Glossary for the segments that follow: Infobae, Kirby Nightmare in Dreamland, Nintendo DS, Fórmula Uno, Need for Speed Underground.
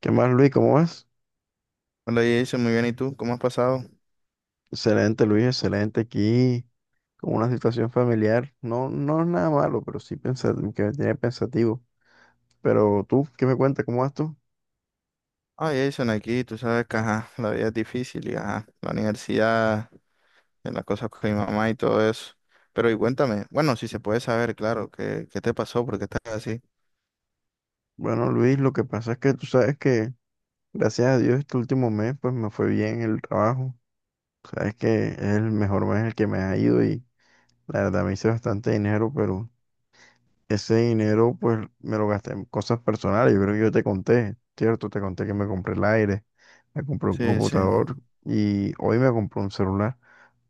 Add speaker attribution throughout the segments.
Speaker 1: ¿Qué más, Luis? ¿Cómo vas?
Speaker 2: Hola Jason, muy bien, ¿y tú? ¿Cómo has pasado?
Speaker 1: Excelente, Luis, excelente aquí, con una situación familiar. No, no es nada malo, pero sí que me tiene pensativo. Pero tú, ¿qué me cuentas? ¿Cómo vas tú?
Speaker 2: Ah, Jason, aquí tú sabes que ajá, la vida es difícil y ajá, la universidad, en las cosas con mi mamá y todo eso. Pero y cuéntame, bueno, si se puede saber, claro, ¿qué te pasó? ¿Por qué estás así?
Speaker 1: Bueno, Luis, lo que pasa es que tú sabes que, gracias a Dios, este último mes, pues me fue bien el trabajo. Sabes que es el mejor mes en el que me ha ido y la verdad me hice bastante dinero, pero ese dinero, pues, me lo gasté en cosas personales. Yo creo que yo te conté, ¿cierto? Te conté que me compré el aire, me compré un
Speaker 2: Sí, sí,
Speaker 1: computador y hoy me compré un celular.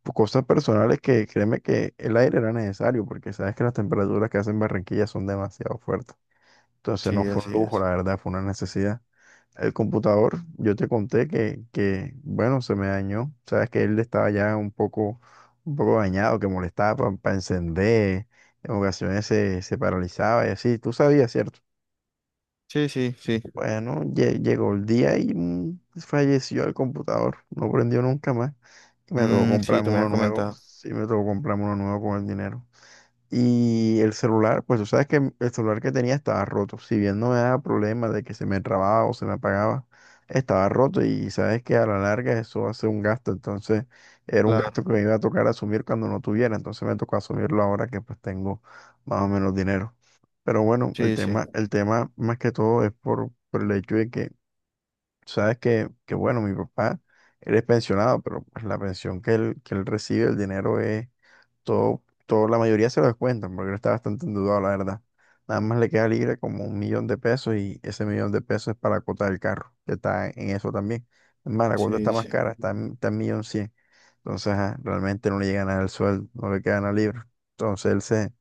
Speaker 1: Pues, cosas personales que créeme que el aire era necesario porque sabes que las temperaturas que hacen Barranquilla son demasiado fuertes. Entonces
Speaker 2: sí,
Speaker 1: no fue un
Speaker 2: así
Speaker 1: lujo, la
Speaker 2: es.
Speaker 1: verdad, fue una necesidad. El computador, yo te conté que, bueno, se me dañó. Sabes que él estaba ya un poco dañado, que molestaba para encender. En ocasiones se paralizaba y así. Tú sabías, ¿cierto?
Speaker 2: Sí, sí, sí.
Speaker 1: Bueno, llegó el día y falleció el computador. No prendió nunca más. Y me tocó
Speaker 2: Mm, sí, tú
Speaker 1: comprarme
Speaker 2: me
Speaker 1: uno
Speaker 2: has
Speaker 1: nuevo.
Speaker 2: comentado.
Speaker 1: Sí, me tocó comprarme uno nuevo con el dinero. Y el celular, pues tú sabes que el celular que tenía estaba roto. Si bien no me daba problema de que se me trababa o se me apagaba, estaba roto y sabes que a la larga eso hace un gasto. Entonces era un
Speaker 2: Claro,
Speaker 1: gasto que me iba a tocar asumir cuando no tuviera. Entonces me tocó asumirlo ahora que pues tengo más o menos dinero. Pero bueno, el
Speaker 2: sí, sí,
Speaker 1: tema, el tema más que todo es por el hecho de que, sabes que bueno, mi papá, él es pensionado, pero pues la pensión que él recibe, el dinero es todo, todo, la mayoría se lo descuentan porque él está bastante endeudado, la verdad. Nada más le queda libre como 1 millón de pesos y ese millón de pesos es para la cuota del carro, que está en eso también. Es más, la cuota está
Speaker 2: sí,
Speaker 1: más
Speaker 2: sí,
Speaker 1: cara, está en, está en millón cien. Entonces, ajá, realmente no le llega nada al sueldo, no le queda nada libre. Entonces, él se,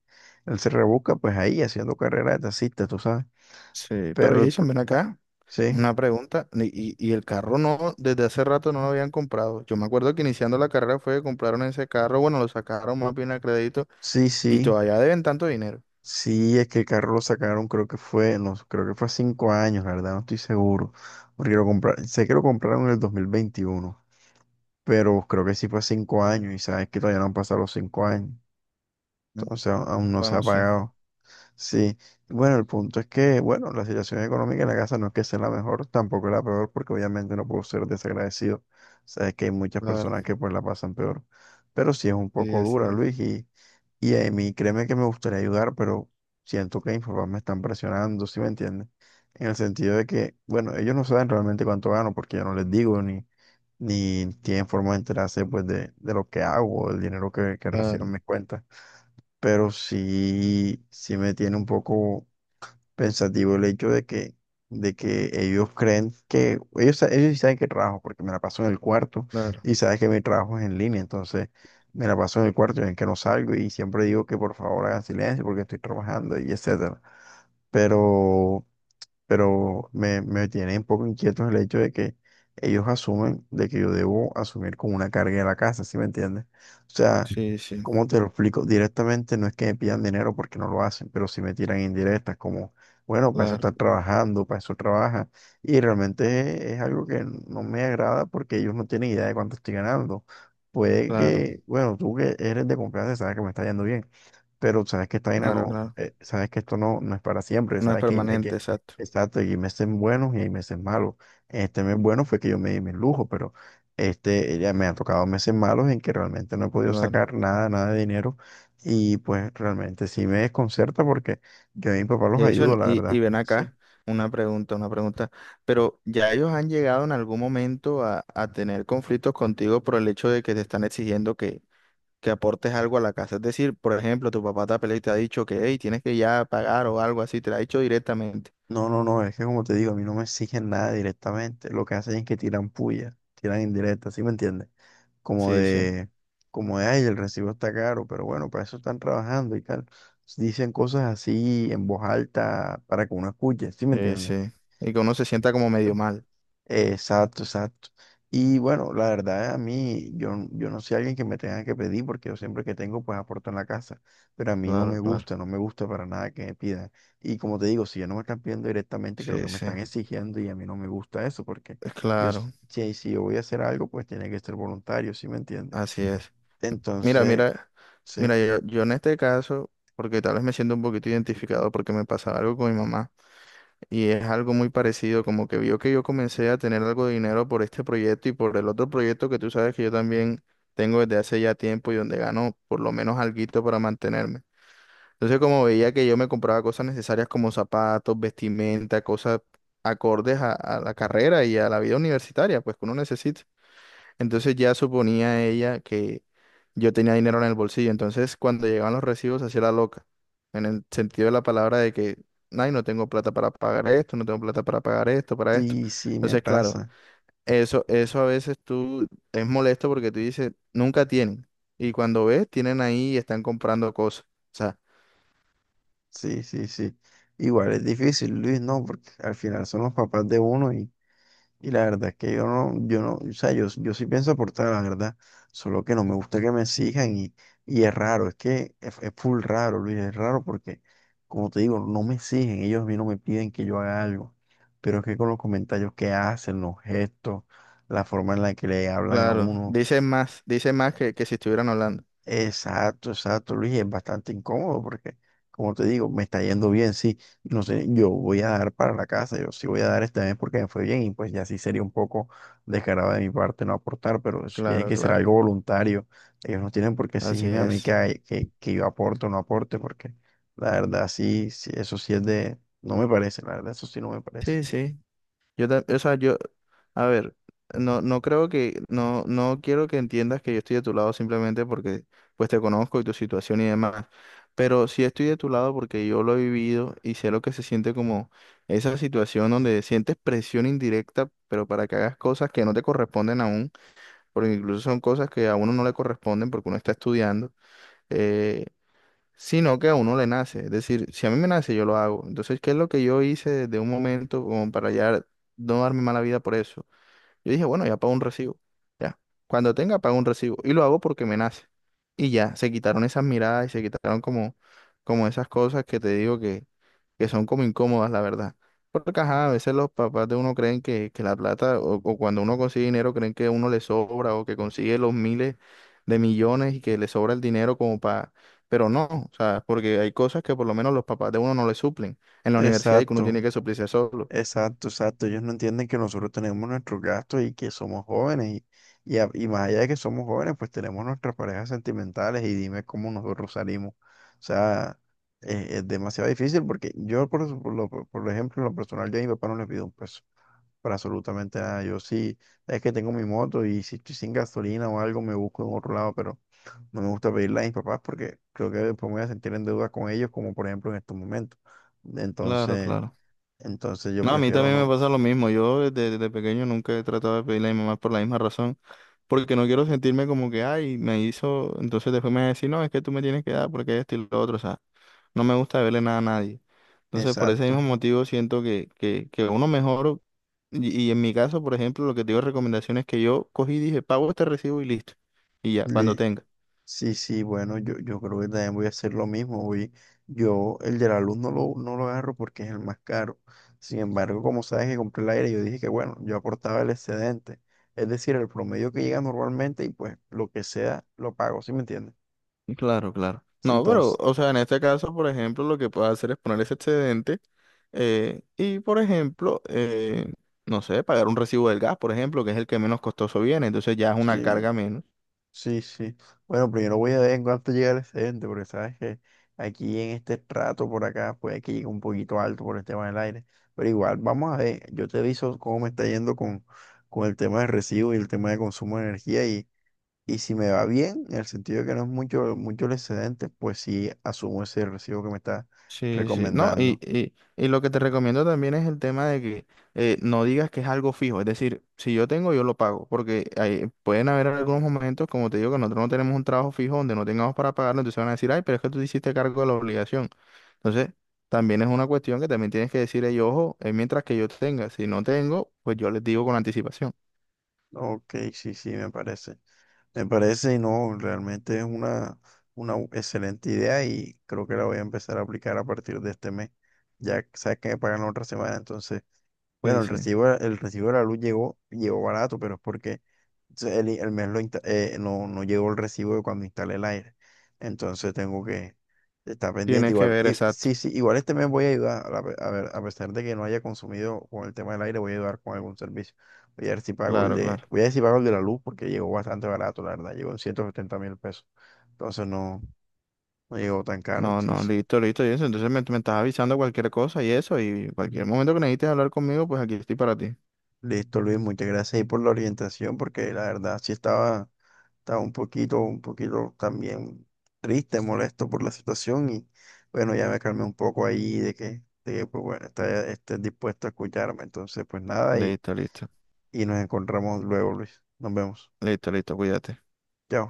Speaker 1: él se rebusca pues ahí haciendo carrera de taxista, tú sabes.
Speaker 2: sí. Pero
Speaker 1: Pero el,
Speaker 2: Jason,
Speaker 1: pro-
Speaker 2: ven acá,
Speaker 1: sí,
Speaker 2: una pregunta. Y el carro no, desde hace rato no lo habían comprado. Yo me acuerdo que iniciando la carrera fue que compraron ese carro, bueno, lo sacaron más bien a crédito.
Speaker 1: sí,
Speaker 2: Y
Speaker 1: sí.
Speaker 2: todavía deben tanto dinero.
Speaker 1: Sí, es que el carro lo sacaron, creo que fue, no, creo que fue hace 5 años, la verdad, no estoy seguro. Porque sé que lo compraron en el 2021, pero creo que sí fue hace 5 años y sabes que todavía no han pasado los 5 años.
Speaker 2: Mm.
Speaker 1: Entonces aún no se
Speaker 2: Bueno,
Speaker 1: ha
Speaker 2: sí,
Speaker 1: pagado. Sí, bueno, el punto es que, bueno, la situación económica en la casa no es que sea la mejor, tampoco es la peor, porque obviamente no puedo ser desagradecido. Sabes que hay muchas
Speaker 2: claro,
Speaker 1: personas que pues la pasan peor, pero sí es un
Speaker 2: sí,
Speaker 1: poco
Speaker 2: así
Speaker 1: dura,
Speaker 2: es.
Speaker 1: Luis, y a mí créeme que me gustaría ayudar, pero siento que Infobae me están presionando, ¿sí me entiendes? En el sentido de que, bueno, ellos no saben realmente cuánto gano, porque yo no les digo, ni tienen forma de enterarse pues de lo que hago, del dinero que recibo en
Speaker 2: Claro,
Speaker 1: mis cuentas. Pero sí, sí me tiene un poco pensativo el hecho de que, ellos creen que, ellos sí saben que trabajo, porque me la paso en el cuarto
Speaker 2: claro,
Speaker 1: y sabes que mi trabajo es en línea, entonces me la paso en el cuarto y ven que no salgo y siempre digo que por favor hagan silencio porque estoy trabajando y etcétera. Pero pero me tiene un poco inquieto el hecho de que ellos asumen de que yo debo asumir como una carga de la casa, ¿sí me entiendes? O sea,
Speaker 2: sí, sí,
Speaker 1: ¿cómo te lo explico? Directamente no es que me pidan dinero porque no lo hacen, pero sí me tiran indirectas como, bueno, para eso
Speaker 2: claro,
Speaker 1: estás trabajando, para eso trabajas. Y realmente es algo que no me agrada porque ellos no tienen idea de cuánto estoy ganando. Puede
Speaker 2: claro,
Speaker 1: que, bueno, tú que eres de confianza sabes que me está yendo bien, pero sabes que esta vaina
Speaker 2: claro,
Speaker 1: no,
Speaker 2: claro.
Speaker 1: sabes que esto no, no es para siempre,
Speaker 2: No es
Speaker 1: sabes que, hay
Speaker 2: permanente,
Speaker 1: que
Speaker 2: exacto,
Speaker 1: Exacto, hay meses buenos y hay meses malos. Este mes bueno fue que yo me di mis lujos, pero ya me han tocado meses malos en que realmente no he podido
Speaker 2: claro.
Speaker 1: sacar nada, nada de dinero y pues realmente sí me desconcerta porque yo a mi papá los ayudo,
Speaker 2: Jason,
Speaker 1: la
Speaker 2: y
Speaker 1: verdad.
Speaker 2: ven
Speaker 1: Sí.
Speaker 2: acá, una pregunta, una pregunta. Pero ¿ya ellos han llegado en algún momento a tener conflictos contigo por el hecho de que te están exigiendo que aportes algo a la casa? Es decir, por ejemplo, tu papá te ha peleado y te ha dicho que, hey, tienes que ya pagar o algo así, te lo ha dicho directamente.
Speaker 1: No, no, no, es que como te digo, a mí no me exigen nada directamente. Lo que hacen es que tiran puya, tiran indirecta, ¿sí me entiendes? Como
Speaker 2: Sí, sí,
Speaker 1: de, como de, ay, el recibo está caro, pero bueno, para eso están trabajando y tal. Dicen cosas así en voz alta para que uno escuche, ¿sí me
Speaker 2: sí, sí.
Speaker 1: entiendes?
Speaker 2: Y que uno se sienta como medio mal.
Speaker 1: Exacto, exacto. Y bueno, la verdad, a mí, yo no soy alguien que me tenga que pedir, porque yo siempre que tengo, pues aporto en la casa. Pero a mí no me
Speaker 2: Claro, claro.
Speaker 1: gusta, no me gusta para nada que me pidan. Y como te digo, si ya no me están pidiendo directamente, creo que
Speaker 2: Sí,
Speaker 1: me
Speaker 2: sí.
Speaker 1: están exigiendo y a mí no me gusta eso, porque yo, s-
Speaker 2: Claro,
Speaker 1: si, si yo voy a hacer algo, pues tiene que ser voluntario, ¿sí me entiendes?
Speaker 2: así es. Mira,
Speaker 1: Entonces,
Speaker 2: mira,
Speaker 1: sí,
Speaker 2: mira, yo en este caso, porque tal vez me siento un poquito identificado porque me pasaba algo con mi mamá y es algo muy parecido, como que vio que yo comencé a tener algo de dinero por este proyecto y por el otro proyecto que tú sabes que yo también tengo desde hace ya tiempo y donde gano por lo menos alguito para mantenerme. Entonces, como veía que yo me compraba cosas necesarias como zapatos, vestimenta, cosas acordes a la carrera y a la vida universitaria, pues que uno necesita. Entonces ya suponía ella que yo tenía dinero en el bolsillo. Entonces cuando llegaban los recibos hacía la loca. En el sentido de la palabra de que, ay, no tengo plata para pagar esto, no tengo plata para pagar esto, para esto.
Speaker 1: sí, sí, me
Speaker 2: Entonces, claro,
Speaker 1: pasa.
Speaker 2: eso a veces tú es molesto porque tú dices, nunca tienen. Y cuando ves, tienen ahí y están comprando cosas. O sea,
Speaker 1: Sí, sí, sí. Igual es difícil, Luis, no, porque al final son los papás de uno. Y la verdad es que yo no, o sea, yo sí pienso aportar, la verdad, solo que no me gusta que me exijan y, es raro, es que es full raro, Luis, es raro porque, como te digo, no me exigen, ellos a mí no me piden que yo haga algo, pero es que con los comentarios que hacen, los gestos, la forma en la que le hablan a
Speaker 2: claro,
Speaker 1: uno,
Speaker 2: dicen más que si estuvieran hablando.
Speaker 1: exacto, exacto, Luis, y es bastante incómodo porque, como te digo, me está yendo bien, sí, no sé, yo voy a dar para la casa, yo sí voy a dar este mes porque me fue bien y pues ya sí sería un poco descarado de mi parte no aportar, pero eso tiene
Speaker 2: Claro,
Speaker 1: que ser
Speaker 2: claro.
Speaker 1: algo voluntario, ellos no tienen por qué
Speaker 2: Así
Speaker 1: exigirme a mí que,
Speaker 2: es.
Speaker 1: que yo aporte o no aporte porque la verdad sí, sí, eso sí es de, no me parece, la verdad eso sí no me parece.
Speaker 2: Sí, sí. Yo, o sea, yo, a ver, no, no creo que, no, no quiero que entiendas que yo estoy de tu lado simplemente porque, pues, te conozco y tu situación y demás, pero sí estoy de tu lado porque yo lo he vivido y sé lo que se siente como esa situación donde sientes presión indirecta, pero para que hagas cosas que no te corresponden aún, porque incluso son cosas que a uno no le corresponden porque uno está estudiando, eh, sino que a uno le nace. Es decir, si a mí me nace, yo lo hago. Entonces, ¿qué es lo que yo hice desde un momento como para ya no darme mala vida por eso? Yo dije, bueno, ya pago un recibo. Ya. Cuando tenga, pago un recibo. Y lo hago porque me nace. Y ya, se quitaron esas miradas y se quitaron como, como esas cosas que te digo que son como incómodas, la verdad. Porque ajá, a veces los papás de uno creen que la plata, o cuando uno consigue dinero, creen que uno le sobra o que consigue los miles de millones y que le sobra el dinero como para... Pero no, o sea, porque hay cosas que por lo menos los papás de uno no le suplen. En la universidad y que uno
Speaker 1: Exacto.
Speaker 2: tiene que suplirse solo.
Speaker 1: Exacto, exacto. Ellos no entienden que nosotros tenemos nuestros gastos y que somos jóvenes. Y más allá de que somos jóvenes, pues tenemos nuestras parejas sentimentales y dime cómo nosotros salimos. O sea, es demasiado difícil porque yo, por, su- por lo, por ejemplo, en lo personal, yo a mi papá no le pido un peso para absolutamente nada. Yo sí, es que tengo mi moto y si estoy sin gasolina o algo, me busco en otro lado, pero no me gusta pedirle a mis papás porque creo que después me voy a sentir en deuda con ellos, como por ejemplo en estos momentos.
Speaker 2: Claro,
Speaker 1: Entonces.
Speaker 2: claro.
Speaker 1: Entonces yo
Speaker 2: No, a mí
Speaker 1: prefiero
Speaker 2: también me
Speaker 1: no.
Speaker 2: pasa lo mismo. Yo desde, desde pequeño nunca he tratado de pedirle a mi mamá por la misma razón, porque no quiero sentirme como que, ay, me hizo, entonces después me va a decir, no, es que tú me tienes que dar porque esto y lo otro, o sea, no me gusta verle nada a nadie. Entonces, por ese mismo
Speaker 1: Exacto.
Speaker 2: motivo siento que, que uno mejor, y en mi caso, por ejemplo, lo que te digo de recomendación es que yo cogí y dije, pago este recibo y listo, y ya, cuando
Speaker 1: Le-
Speaker 2: tenga.
Speaker 1: sí, sí, bueno, yo creo que también voy a hacer lo mismo. Yo el de la luz no lo agarro porque es el más caro. Sin embargo, como sabes que compré el aire, yo dije que bueno, yo aportaba el excedente. Es decir, el promedio que llega normalmente y pues lo que sea, lo pago, ¿sí me entiendes?
Speaker 2: Claro, claro. No, pero,
Speaker 1: Entonces,
Speaker 2: o sea, en este caso, por ejemplo, lo que puedo hacer es poner ese excedente y, por ejemplo, no sé, pagar un recibo del gas, por ejemplo, que es el que menos costoso viene, entonces ya es una
Speaker 1: sí.
Speaker 2: carga menos.
Speaker 1: Sí, sí. Bueno, primero voy a ver en cuánto llega el excedente, porque sabes que aquí en este trato por acá puede que llegue un poquito alto por el tema del aire. Pero igual, vamos a ver. Yo te aviso cómo me está yendo con el tema de recibo y el tema de consumo de energía. Y si me va bien, en el sentido de que no es mucho, mucho el excedente, pues sí asumo ese recibo que me está
Speaker 2: Sí, sí. No, y,
Speaker 1: recomendando.
Speaker 2: y, y lo que te recomiendo también es el tema de que no digas que es algo fijo. Es decir, si yo tengo, yo lo pago. Porque pueden haber algunos momentos, como te digo, que nosotros no tenemos un trabajo fijo donde no tengamos para pagarlo. Entonces van a decir, ay, pero es que tú te hiciste cargo de la obligación. Entonces, también es una cuestión que también tienes que decir, "Ey, ojo, es mientras que yo tenga. Si no tengo, pues yo les digo con anticipación."
Speaker 1: Ok, sí, sí, me parece. Me parece y no, realmente es una, una excelente idea y creo que la voy a empezar a aplicar a partir de este mes. Sabes que me pagan la otra semana, entonces, bueno,
Speaker 2: Sí,
Speaker 1: el
Speaker 2: sí.
Speaker 1: recibo, el recibo de la luz llegó barato, pero es porque entonces, el mes no, no llegó el recibo de cuando instalé el aire. Entonces tengo que estar pendiente.
Speaker 2: Tienes que
Speaker 1: Igual,
Speaker 2: ver, exacto.
Speaker 1: sí, sí, igual este mes voy a ayudar. A ver, a pesar de que no haya consumido con el tema del aire, voy a ayudar con algún servicio.
Speaker 2: Claro, claro.
Speaker 1: Voy a ver si pago el de la luz porque llegó bastante barato, la verdad. Llegó en 170.000 pesos. Entonces no, no llegó tan caro.
Speaker 2: No,
Speaker 1: Sí,
Speaker 2: no,
Speaker 1: sí.
Speaker 2: listo, listo, y eso. Entonces me estás avisando cualquier cosa y eso, y cualquier momento que necesites hablar conmigo, pues aquí estoy para ti.
Speaker 1: Listo, Luis, muchas gracias ahí por la orientación porque la verdad sí estaba. Estaba un poquito también triste, molesto por la situación y bueno, ya me calmé un poco ahí de que, pues bueno, esté dispuesto a escucharme. Entonces, pues nada, y,
Speaker 2: Listo, listo,
Speaker 1: y nos encontramos luego, Luis. Nos vemos.
Speaker 2: listo, listo, cuídate.
Speaker 1: Chao.